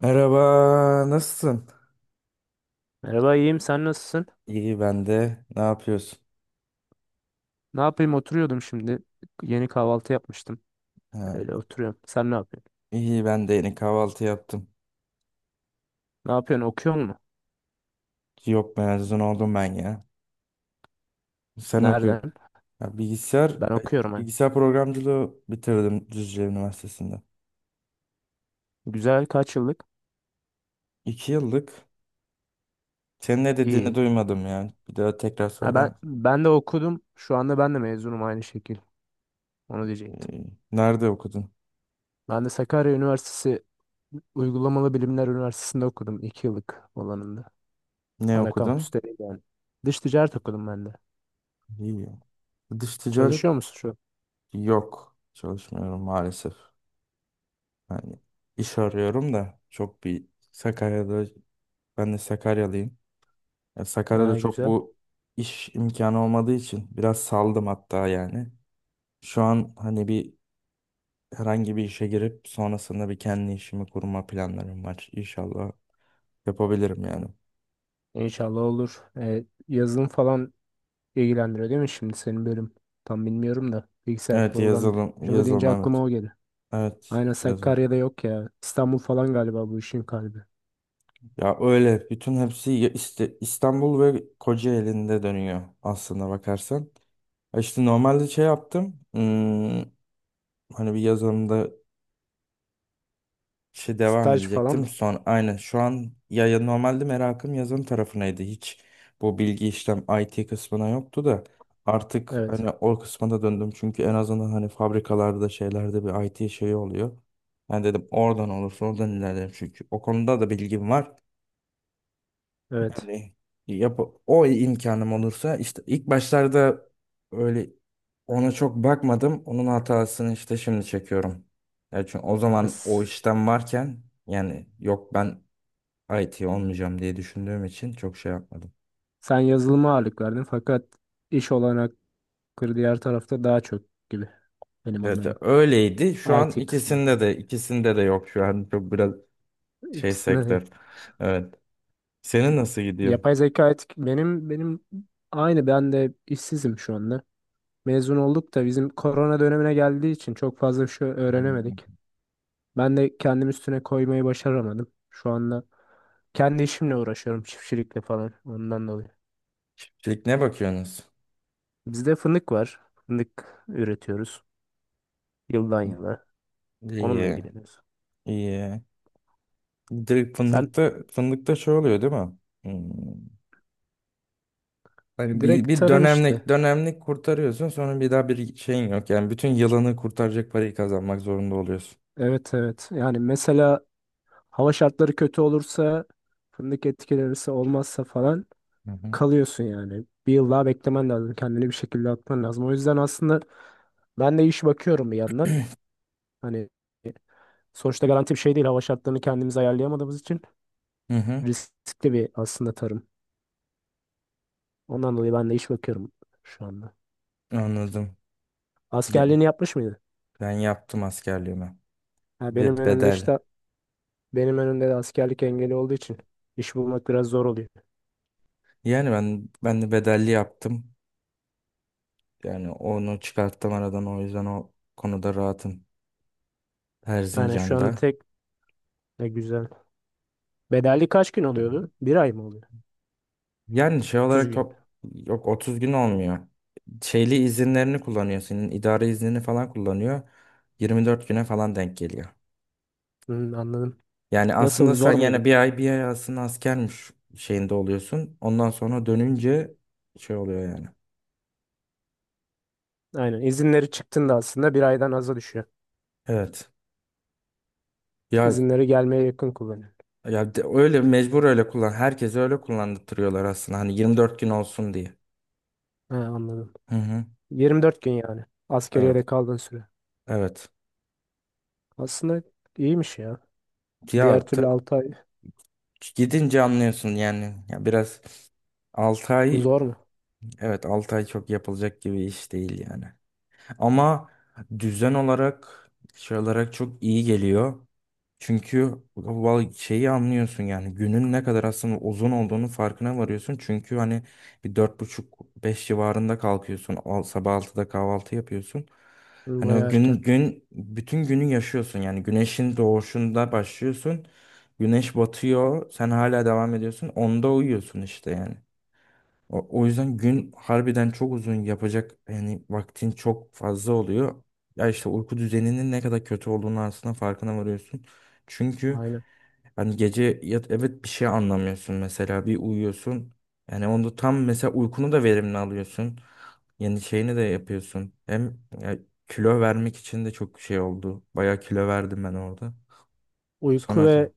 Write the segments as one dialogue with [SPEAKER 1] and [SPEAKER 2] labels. [SPEAKER 1] Merhaba, nasılsın?
[SPEAKER 2] Merhaba, iyiyim, sen nasılsın?
[SPEAKER 1] İyi ben de. Ne yapıyorsun?
[SPEAKER 2] Ne yapayım, oturuyordum şimdi. Yeni kahvaltı yapmıştım.
[SPEAKER 1] Ha,
[SPEAKER 2] Öyle oturuyorum. Sen ne yapıyorsun?
[SPEAKER 1] iyi ben de yeni kahvaltı yaptım.
[SPEAKER 2] Ne yapıyorsun? Okuyor musun?
[SPEAKER 1] Yok, mezun oldum ben ya. Sen okuyun.
[SPEAKER 2] Nereden?
[SPEAKER 1] Ya, bilgisayar
[SPEAKER 2] Ben
[SPEAKER 1] e,
[SPEAKER 2] okuyorum hani.
[SPEAKER 1] bilgisayar programcılığı bitirdim Düzce Üniversitesi'nde.
[SPEAKER 2] Güzel, kaç yıllık?
[SPEAKER 1] İki yıllık. Senin ne dediğini
[SPEAKER 2] İyi.
[SPEAKER 1] duymadım yani. Bir daha tekrar
[SPEAKER 2] Ha,
[SPEAKER 1] söyler
[SPEAKER 2] ben de okudum. Şu anda ben de mezunum, aynı şekil. Onu diyecektim.
[SPEAKER 1] misin? Nerede okudun?
[SPEAKER 2] Ben de Sakarya Üniversitesi Uygulamalı Bilimler Üniversitesi'nde okudum. 2 yıllık olanında.
[SPEAKER 1] Ne
[SPEAKER 2] Ana
[SPEAKER 1] okudun?
[SPEAKER 2] kampüste değil yani. Dış ticaret okudum ben de.
[SPEAKER 1] İyi. Dış ticaret
[SPEAKER 2] Çalışıyor musun şu
[SPEAKER 1] yok. Çalışmıyorum maalesef. Yani iş arıyorum da çok bir Sakarya'da. Ben de Sakaryalıyım. Ya
[SPEAKER 2] an?
[SPEAKER 1] Sakarya'da
[SPEAKER 2] Ha,
[SPEAKER 1] çok
[SPEAKER 2] güzel.
[SPEAKER 1] bu iş imkanı olmadığı için biraz saldım hatta yani. Şu an hani bir herhangi bir işe girip sonrasında bir kendi işimi kurma planlarım var. İnşallah yapabilirim yani.
[SPEAKER 2] İnşallah olur. Yazılım falan ilgilendiriyor değil mi şimdi senin bölüm? Tam bilmiyorum da bilgisayar
[SPEAKER 1] Evet, yazılım,
[SPEAKER 2] programcılığı
[SPEAKER 1] yazılım,
[SPEAKER 2] deyince
[SPEAKER 1] evet.
[SPEAKER 2] aklıma o geldi.
[SPEAKER 1] Evet,
[SPEAKER 2] Aynen,
[SPEAKER 1] yazılım.
[SPEAKER 2] Sakarya'da yok ya. İstanbul falan galiba bu işin kalbi.
[SPEAKER 1] Ya öyle bütün hepsi ya İstanbul ve Kocaeli'nde dönüyor aslında bakarsan. Ya İşte normalde şey yaptım. Hani bir yazılımda şey devam
[SPEAKER 2] Staj falan
[SPEAKER 1] edecektim.
[SPEAKER 2] mı?
[SPEAKER 1] Son aynen şu an ya normalde merakım yazılım tarafınaydı. Hiç bu bilgi işlem IT kısmına yoktu da artık
[SPEAKER 2] Evet.
[SPEAKER 1] hani o kısma da döndüm. Çünkü en azından hani fabrikalarda şeylerde bir IT şeyi oluyor. Ben dedim oradan olursa oradan ilerlerim çünkü o konuda da bilgim var.
[SPEAKER 2] Evet.
[SPEAKER 1] Yani yap o imkanım olursa işte ilk başlarda öyle ona çok bakmadım. Onun hatasını işte şimdi çekiyorum. Ya çünkü o
[SPEAKER 2] Ya
[SPEAKER 1] zaman o
[SPEAKER 2] s-
[SPEAKER 1] işten varken yani yok, ben IT olmayacağım diye düşündüğüm için çok şey yapmadım.
[SPEAKER 2] Sen yazılıma ağırlık verdin fakat iş olanakları diğer tarafta daha çok gibi, benim
[SPEAKER 1] Evet,
[SPEAKER 2] anladığım.
[SPEAKER 1] öyleydi. Şu an
[SPEAKER 2] IT
[SPEAKER 1] ikisinde
[SPEAKER 2] kısmında.
[SPEAKER 1] de ikisinde de yok, şu an çok biraz şey
[SPEAKER 2] İkisinde de.
[SPEAKER 1] sektör. Evet. Senin nasıl gidiyor?
[SPEAKER 2] Yapay zeka etik benim aynı, ben de işsizim şu anda. Mezun olduk da bizim korona dönemine geldiği için çok fazla bir şey öğrenemedik.
[SPEAKER 1] Hmm.
[SPEAKER 2] Ben de kendim üstüne koymayı başaramadım. Şu anda kendi işimle uğraşıyorum, çiftçilikle falan, ondan dolayı.
[SPEAKER 1] Şimdi ne bakıyorsunuz?
[SPEAKER 2] Bizde fındık var. Fındık üretiyoruz yıldan yıla. Onunla
[SPEAKER 1] İyi,
[SPEAKER 2] ilgileniyoruz.
[SPEAKER 1] iyi. Direkt
[SPEAKER 2] Sen
[SPEAKER 1] fındıkta şey oluyor değil mi? Hmm. Hani bir,
[SPEAKER 2] direkt
[SPEAKER 1] bir
[SPEAKER 2] tarım işte.
[SPEAKER 1] dönemlik kurtarıyorsun, sonra bir daha bir şeyin yok. Yani bütün yılını kurtaracak parayı kazanmak zorunda oluyorsun.
[SPEAKER 2] Evet, evet. Yani mesela hava şartları kötü olursa, fındık etkilenirse, olmazsa falan,
[SPEAKER 1] Hı hı.
[SPEAKER 2] kalıyorsun yani. Bir yıl daha beklemen lazım. Kendini bir şekilde atman lazım. O yüzden aslında ben de iş bakıyorum bir yandan. Hani sonuçta garanti bir şey değil. Hava şartlarını kendimiz ayarlayamadığımız için.
[SPEAKER 1] Hı hı.
[SPEAKER 2] Riskli bir aslında tarım. Ondan dolayı ben de iş bakıyorum şu anda.
[SPEAKER 1] Anladım. Ge-
[SPEAKER 2] Askerliğini yapmış mıydı?
[SPEAKER 1] Ben yaptım askerliğimi.
[SPEAKER 2] Ha,
[SPEAKER 1] Ve bedel.
[SPEAKER 2] benim önümde de askerlik engeli olduğu için iş bulmak biraz zor oluyor.
[SPEAKER 1] Yani ben de bedelli yaptım. Yani onu çıkarttım aradan, o yüzden o konuda rahatım.
[SPEAKER 2] Aynen, şu anda
[SPEAKER 1] Erzincan'da.
[SPEAKER 2] tek, ne güzel. Bedelli kaç gün oluyordu? Bir ay mı oluyor?
[SPEAKER 1] Yani şey
[SPEAKER 2] 30
[SPEAKER 1] olarak
[SPEAKER 2] gün.
[SPEAKER 1] yok, 30 gün olmuyor. Şeyli izinlerini kullanıyor. Senin idari iznini falan kullanıyor. 24 güne falan denk geliyor.
[SPEAKER 2] Hmm, anladım.
[SPEAKER 1] Yani aslında
[SPEAKER 2] Nasıl
[SPEAKER 1] sen
[SPEAKER 2] zor
[SPEAKER 1] yani
[SPEAKER 2] muydu?
[SPEAKER 1] bir ay, bir ay aslında askermiş şeyinde oluyorsun. Ondan sonra dönünce şey oluyor yani.
[SPEAKER 2] Aynen, izinleri çıktığında aslında bir aydan aza düşüyor.
[SPEAKER 1] Evet. Ya
[SPEAKER 2] İzinleri gelmeye yakın kullanıyor.
[SPEAKER 1] ya öyle mecbur, öyle kullan. Herkese öyle kullandırıyorlar aslında. Hani 24 gün olsun diye.
[SPEAKER 2] Ha, anladım.
[SPEAKER 1] Hı hı.
[SPEAKER 2] 24 gün yani.
[SPEAKER 1] Evet.
[SPEAKER 2] Askeriyede kaldığın süre.
[SPEAKER 1] Evet.
[SPEAKER 2] Aslında iyiymiş ya. Diğer
[SPEAKER 1] Ya
[SPEAKER 2] türlü 6 ay
[SPEAKER 1] gidince anlıyorsun yani. Ya biraz 6 ay.
[SPEAKER 2] zor mu?
[SPEAKER 1] Evet, 6 ay çok yapılacak gibi iş değil yani. Ama düzen olarak, şey olarak çok iyi geliyor. Çünkü şeyi anlıyorsun yani, günün ne kadar aslında uzun olduğunu farkına varıyorsun. Çünkü hani bir dört buçuk, beş civarında kalkıyorsun. Sabah altıda kahvaltı yapıyorsun.
[SPEAKER 2] Hı,
[SPEAKER 1] Hani o
[SPEAKER 2] bayağı
[SPEAKER 1] gün
[SPEAKER 2] erken.
[SPEAKER 1] gün bütün günü yaşıyorsun yani, güneşin doğuşunda başlıyorsun. Güneş batıyor, sen hala devam ediyorsun. Onda uyuyorsun işte yani. O yüzden gün harbiden çok uzun, yapacak yani vaktin çok fazla oluyor. Ya işte uyku düzeninin ne kadar kötü olduğunu aslında farkına varıyorsun. Çünkü
[SPEAKER 2] Aynen.
[SPEAKER 1] hani gece evet, bir şey anlamıyorsun, mesela bir uyuyorsun. Yani onda tam mesela uykunu da verimli alıyorsun. Yeni şeyini de yapıyorsun. Hem ya, kilo vermek için de çok şey oldu. Bayağı kilo verdim ben orada.
[SPEAKER 2] Uyku
[SPEAKER 1] Sonra
[SPEAKER 2] ve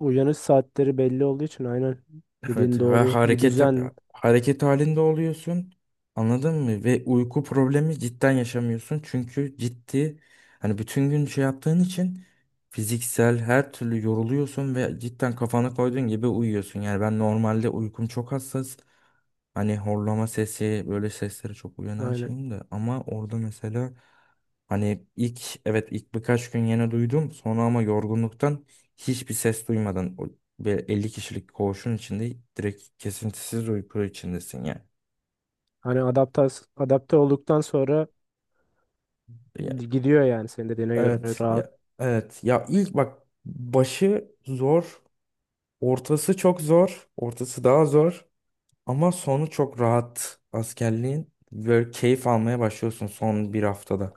[SPEAKER 2] uyanış saatleri belli olduğu için aynen
[SPEAKER 1] evet,
[SPEAKER 2] dediğin
[SPEAKER 1] ve
[SPEAKER 2] doğru. Bir
[SPEAKER 1] hareket
[SPEAKER 2] düzen,
[SPEAKER 1] hareket halinde oluyorsun. Anladın mı? Ve uyku problemi cidden yaşamıyorsun. Çünkü ciddi, hani bütün gün şey yaptığın için fiziksel her türlü yoruluyorsun ve cidden kafana koyduğun gibi uyuyorsun. Yani ben normalde uykum çok hassas. Hani horlama sesi, böyle seslere çok uyanan
[SPEAKER 2] aynen.
[SPEAKER 1] şeyim de ama orada mesela hani ilk, evet ilk birkaç gün yine duydum sonra, ama yorgunluktan hiçbir ses duymadan ve 50 kişilik koğuşun içinde direkt kesintisiz uyku içindesin yani.
[SPEAKER 2] Hani adapte olduktan sonra
[SPEAKER 1] Ya-
[SPEAKER 2] gidiyor yani, senin dediğine göre
[SPEAKER 1] evet
[SPEAKER 2] rahat.
[SPEAKER 1] ya, evet ya ilk bak, başı zor, ortası çok zor, ortası daha zor ama sonu çok rahat askerliğin, böyle keyif almaya başlıyorsun son bir haftada.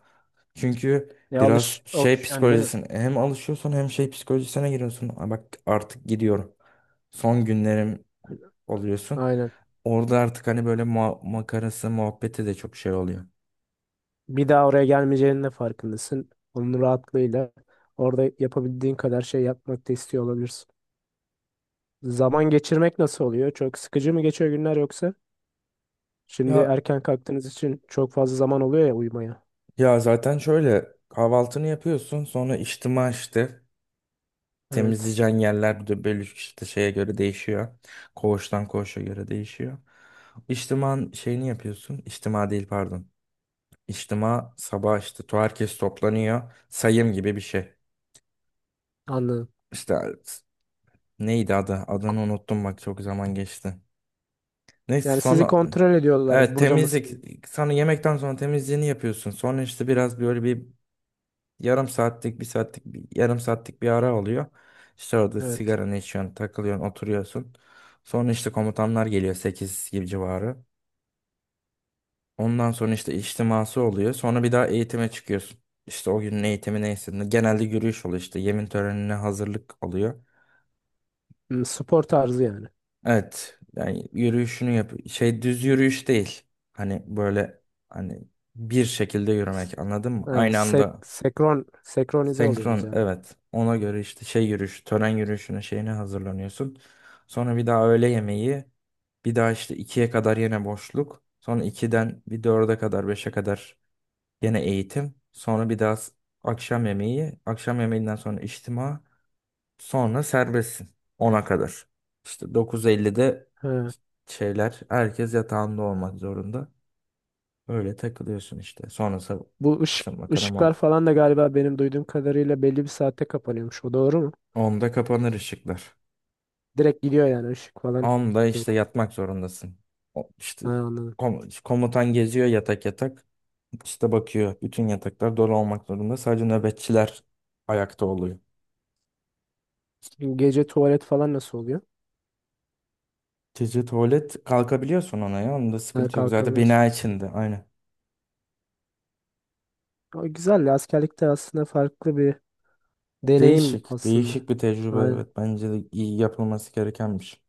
[SPEAKER 1] Çünkü
[SPEAKER 2] E,
[SPEAKER 1] biraz şey
[SPEAKER 2] alışıyorsun değil mi?
[SPEAKER 1] psikolojisine hem alışıyorsun, hem şey psikolojisine giriyorsun. "Aa, bak artık gidiyorum." Son günlerim oluyorsun.
[SPEAKER 2] Aynen.
[SPEAKER 1] Orada artık hani böyle makarası muhabbeti de çok şey oluyor.
[SPEAKER 2] Bir daha oraya gelmeyeceğinin de farkındasın. Onun rahatlığıyla orada yapabildiğin kadar şey yapmak da istiyor olabilirsin. Zaman geçirmek nasıl oluyor? Çok sıkıcı mı geçiyor günler yoksa? Şimdi
[SPEAKER 1] Ya
[SPEAKER 2] erken kalktığınız için çok fazla zaman oluyor ya uyumaya.
[SPEAKER 1] ya zaten şöyle, kahvaltını yapıyorsun, sonra içtima, işte
[SPEAKER 2] Evet.
[SPEAKER 1] temizleyeceğin yerler de böyle işte şeye göre değişiyor. Koğuştan koğuşa göre değişiyor. İçtiman şeyini yapıyorsun. İçtima değil, pardon. İçtima sabah işte herkes toplanıyor. Sayım gibi bir şey.
[SPEAKER 2] Anladım.
[SPEAKER 1] İşte neydi adı? Adını unuttum bak, çok zaman geçti. Neyse
[SPEAKER 2] Yani sizi
[SPEAKER 1] sonra
[SPEAKER 2] kontrol ediyorlar.
[SPEAKER 1] evet,
[SPEAKER 2] Burada
[SPEAKER 1] temizlik,
[SPEAKER 2] mısınız?
[SPEAKER 1] sonra yemekten sonra temizliğini yapıyorsun. Sonra işte biraz böyle bir yarım saatlik, bir saatlik, bir, yarım saatlik bir ara oluyor. İşte orada
[SPEAKER 2] Evet.
[SPEAKER 1] sigaranı içiyorsun, takılıyorsun, oturuyorsun. Sonra işte komutanlar geliyor 8 gibi civarı. Ondan sonra işte içtiması oluyor. Sonra bir daha eğitime çıkıyorsun. İşte o günün eğitimi neyse. Genelde yürüyüş oluyor işte. Yemin törenine hazırlık oluyor.
[SPEAKER 2] Hmm, spor tarzı yani.
[SPEAKER 1] Evet. Yani yürüyüşünü yap. Şey düz yürüyüş değil. Hani böyle, hani bir şekilde yürümek, anladın mı?
[SPEAKER 2] Ha,
[SPEAKER 1] Aynı anda
[SPEAKER 2] senkronize oluyorsunuz
[SPEAKER 1] senkron,
[SPEAKER 2] yani.
[SPEAKER 1] evet. Ona göre işte şey yürüyüş, tören yürüyüşüne, şeyine hazırlanıyorsun. Sonra bir daha öğle yemeği. Bir daha işte ikiye kadar yine boşluk. Sonra ikiden bir, dörde kadar, beşe kadar yine eğitim. Sonra bir daha akşam yemeği. Akşam yemeğinden sonra içtima. Sonra serbestsin ona kadar. İşte 9:50'de
[SPEAKER 2] Ha.
[SPEAKER 1] şeyler, herkes yatağında olmak zorunda. Öyle takılıyorsun işte. Sonrası işte makara
[SPEAKER 2] Işıklar
[SPEAKER 1] muhabbet.
[SPEAKER 2] falan da galiba benim duyduğum kadarıyla belli bir saatte kapanıyormuş. O doğru mu?
[SPEAKER 1] 10'da kapanır ışıklar.
[SPEAKER 2] Direkt gidiyor yani, ışık falan
[SPEAKER 1] Onda işte
[SPEAKER 2] yok.
[SPEAKER 1] yatmak zorundasın. İşte
[SPEAKER 2] Ha, anladım.
[SPEAKER 1] komutan geziyor yatak yatak. İşte bakıyor, bütün yataklar dolu olmak zorunda. Sadece nöbetçiler ayakta oluyor.
[SPEAKER 2] Gece tuvalet falan nasıl oluyor?
[SPEAKER 1] Gece tuvalet kalkabiliyorsun, ona ya. Onda
[SPEAKER 2] Ha,
[SPEAKER 1] sıkıntı yok. Zaten
[SPEAKER 2] kalkabiliyorsun.
[SPEAKER 1] bina içinde. Aynen.
[SPEAKER 2] O güzel. Ya, askerlikte aslında farklı bir deneyim
[SPEAKER 1] Değişik.
[SPEAKER 2] aslında.
[SPEAKER 1] Değişik bir tecrübe.
[SPEAKER 2] Aynen.
[SPEAKER 1] Evet, bence de iyi, yapılması gerekenmiş.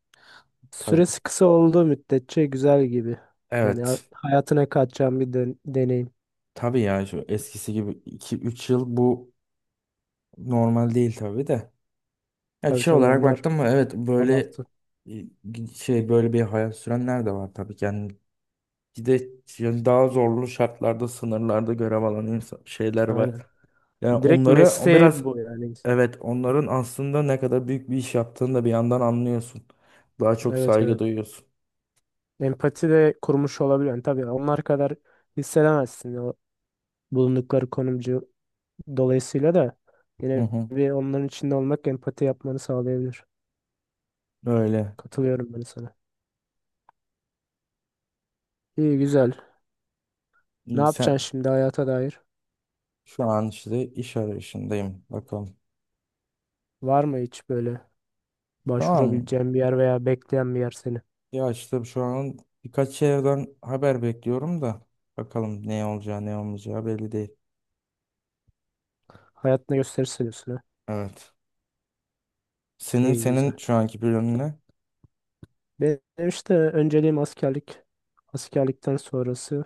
[SPEAKER 1] Tabii.
[SPEAKER 2] Süresi kısa olduğu müddetçe güzel gibi. Yani
[SPEAKER 1] Evet.
[SPEAKER 2] hayatına katacağım bir deneyim.
[SPEAKER 1] Tabii ya, şu eskisi gibi iki üç yıl, bu normal değil tabii de. Ya
[SPEAKER 2] Tabii,
[SPEAKER 1] şey
[SPEAKER 2] tabii,
[SPEAKER 1] olarak
[SPEAKER 2] onlar
[SPEAKER 1] baktım mı, evet, böyle
[SPEAKER 2] abartı.
[SPEAKER 1] şey böyle bir hayat sürenler de var tabii ki. Yani bir de yani daha zorlu şartlarda, sınırlarda görev alan insan, şeyler var.
[SPEAKER 2] Aynen.
[SPEAKER 1] Yani
[SPEAKER 2] Direkt
[SPEAKER 1] onları o
[SPEAKER 2] mesleği
[SPEAKER 1] biraz,
[SPEAKER 2] bu yani.
[SPEAKER 1] evet, onların aslında ne kadar büyük bir iş yaptığını da bir yandan anlıyorsun. Daha çok
[SPEAKER 2] Evet,
[SPEAKER 1] saygı
[SPEAKER 2] evet.
[SPEAKER 1] duyuyorsun.
[SPEAKER 2] Empati de kurmuş olabilir. Yani tabii onlar kadar hissedemezsin, o bulundukları konumcu dolayısıyla da
[SPEAKER 1] Hı
[SPEAKER 2] yine
[SPEAKER 1] hı,
[SPEAKER 2] bir onların içinde olmak empati yapmanı sağlayabilir.
[SPEAKER 1] öyle.
[SPEAKER 2] Katılıyorum ben sana. İyi, güzel. Ne
[SPEAKER 1] İyi.
[SPEAKER 2] yapacaksın
[SPEAKER 1] Sen
[SPEAKER 2] şimdi hayata dair?
[SPEAKER 1] şu an işte iş arayışındayım. Bakalım.
[SPEAKER 2] Var mı hiç böyle
[SPEAKER 1] Şu an
[SPEAKER 2] başvurabileceğin bir yer veya bekleyen bir yer seni?
[SPEAKER 1] Ya işte şu an birkaç yerden haber bekliyorum da bakalım, ne olacağı, ne olmayacağı belli değil.
[SPEAKER 2] Hayatına gösterirse diyorsun ha.
[SPEAKER 1] Evet. Senin
[SPEAKER 2] İyi,
[SPEAKER 1] senin
[SPEAKER 2] güzel.
[SPEAKER 1] şu anki planın ne?
[SPEAKER 2] Benim işte önceliğim askerlik. Askerlikten sonrası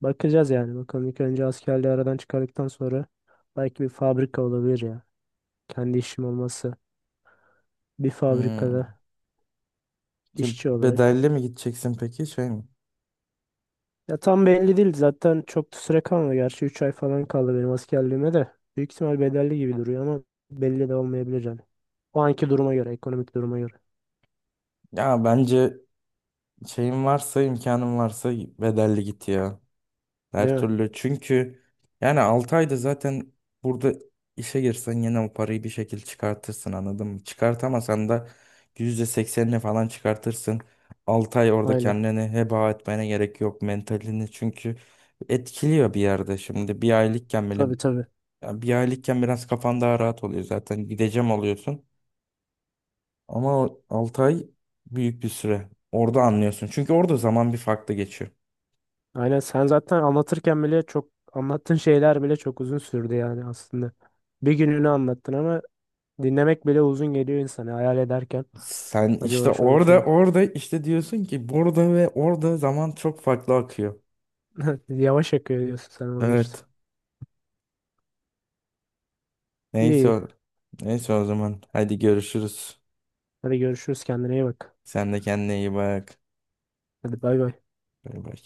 [SPEAKER 2] bakacağız yani. Bakalım, ilk önce askerliği aradan çıkardıktan sonra, belki bir fabrika olabilir ya. Kendi işim olması. Bir
[SPEAKER 1] Hmm.
[SPEAKER 2] fabrikada
[SPEAKER 1] Ki
[SPEAKER 2] işçi olarak.
[SPEAKER 1] bedelli mi gideceksin peki, şey mi?
[SPEAKER 2] Ya tam belli değil, zaten çok da süre kalmadı. Gerçi 3 ay falan kaldı benim askerliğime de. Büyük ihtimal bedelli gibi duruyor ama belli de olmayabilir yani. O anki duruma göre, ekonomik duruma göre.
[SPEAKER 1] Ya bence şeyin varsa, imkanın varsa bedelli git ya. Her
[SPEAKER 2] Değil mi?
[SPEAKER 1] türlü, çünkü yani 6 ayda zaten burada işe girsen yine o parayı bir şekilde çıkartırsın, anladın mı? Çıkartamasan da %80'ini falan çıkartırsın. 6 ay orada
[SPEAKER 2] Aynen.
[SPEAKER 1] kendini heba etmene gerek yok, mentalini çünkü etkiliyor bir yerde, şimdi bir aylıkken bile
[SPEAKER 2] Tabii, tabii.
[SPEAKER 1] yani, bir aylıkken biraz kafan daha rahat oluyor zaten, gideceğim oluyorsun, ama 6 ay büyük bir süre, orada anlıyorsun çünkü orada zaman bir farklı geçiyor.
[SPEAKER 2] Aynen, sen zaten anlatırken bile, çok anlattığın şeyler bile çok uzun sürdü yani aslında. Bir gününü anlattın ama dinlemek bile uzun geliyor insana hayal ederken.
[SPEAKER 1] Sen işte
[SPEAKER 2] Acaba şöyle
[SPEAKER 1] orada
[SPEAKER 2] şöyle.
[SPEAKER 1] orada işte diyorsun ki, burada ve orada zaman çok farklı akıyor.
[SPEAKER 2] Yavaş akıyor diyorsun sen orada işte.
[SPEAKER 1] Evet. Neyse
[SPEAKER 2] İyi.
[SPEAKER 1] o, neyse o zaman. Hadi görüşürüz.
[SPEAKER 2] Hadi görüşürüz, kendine iyi bak.
[SPEAKER 1] Sen de kendine iyi bak.
[SPEAKER 2] Hadi bay bay.
[SPEAKER 1] Bay bay.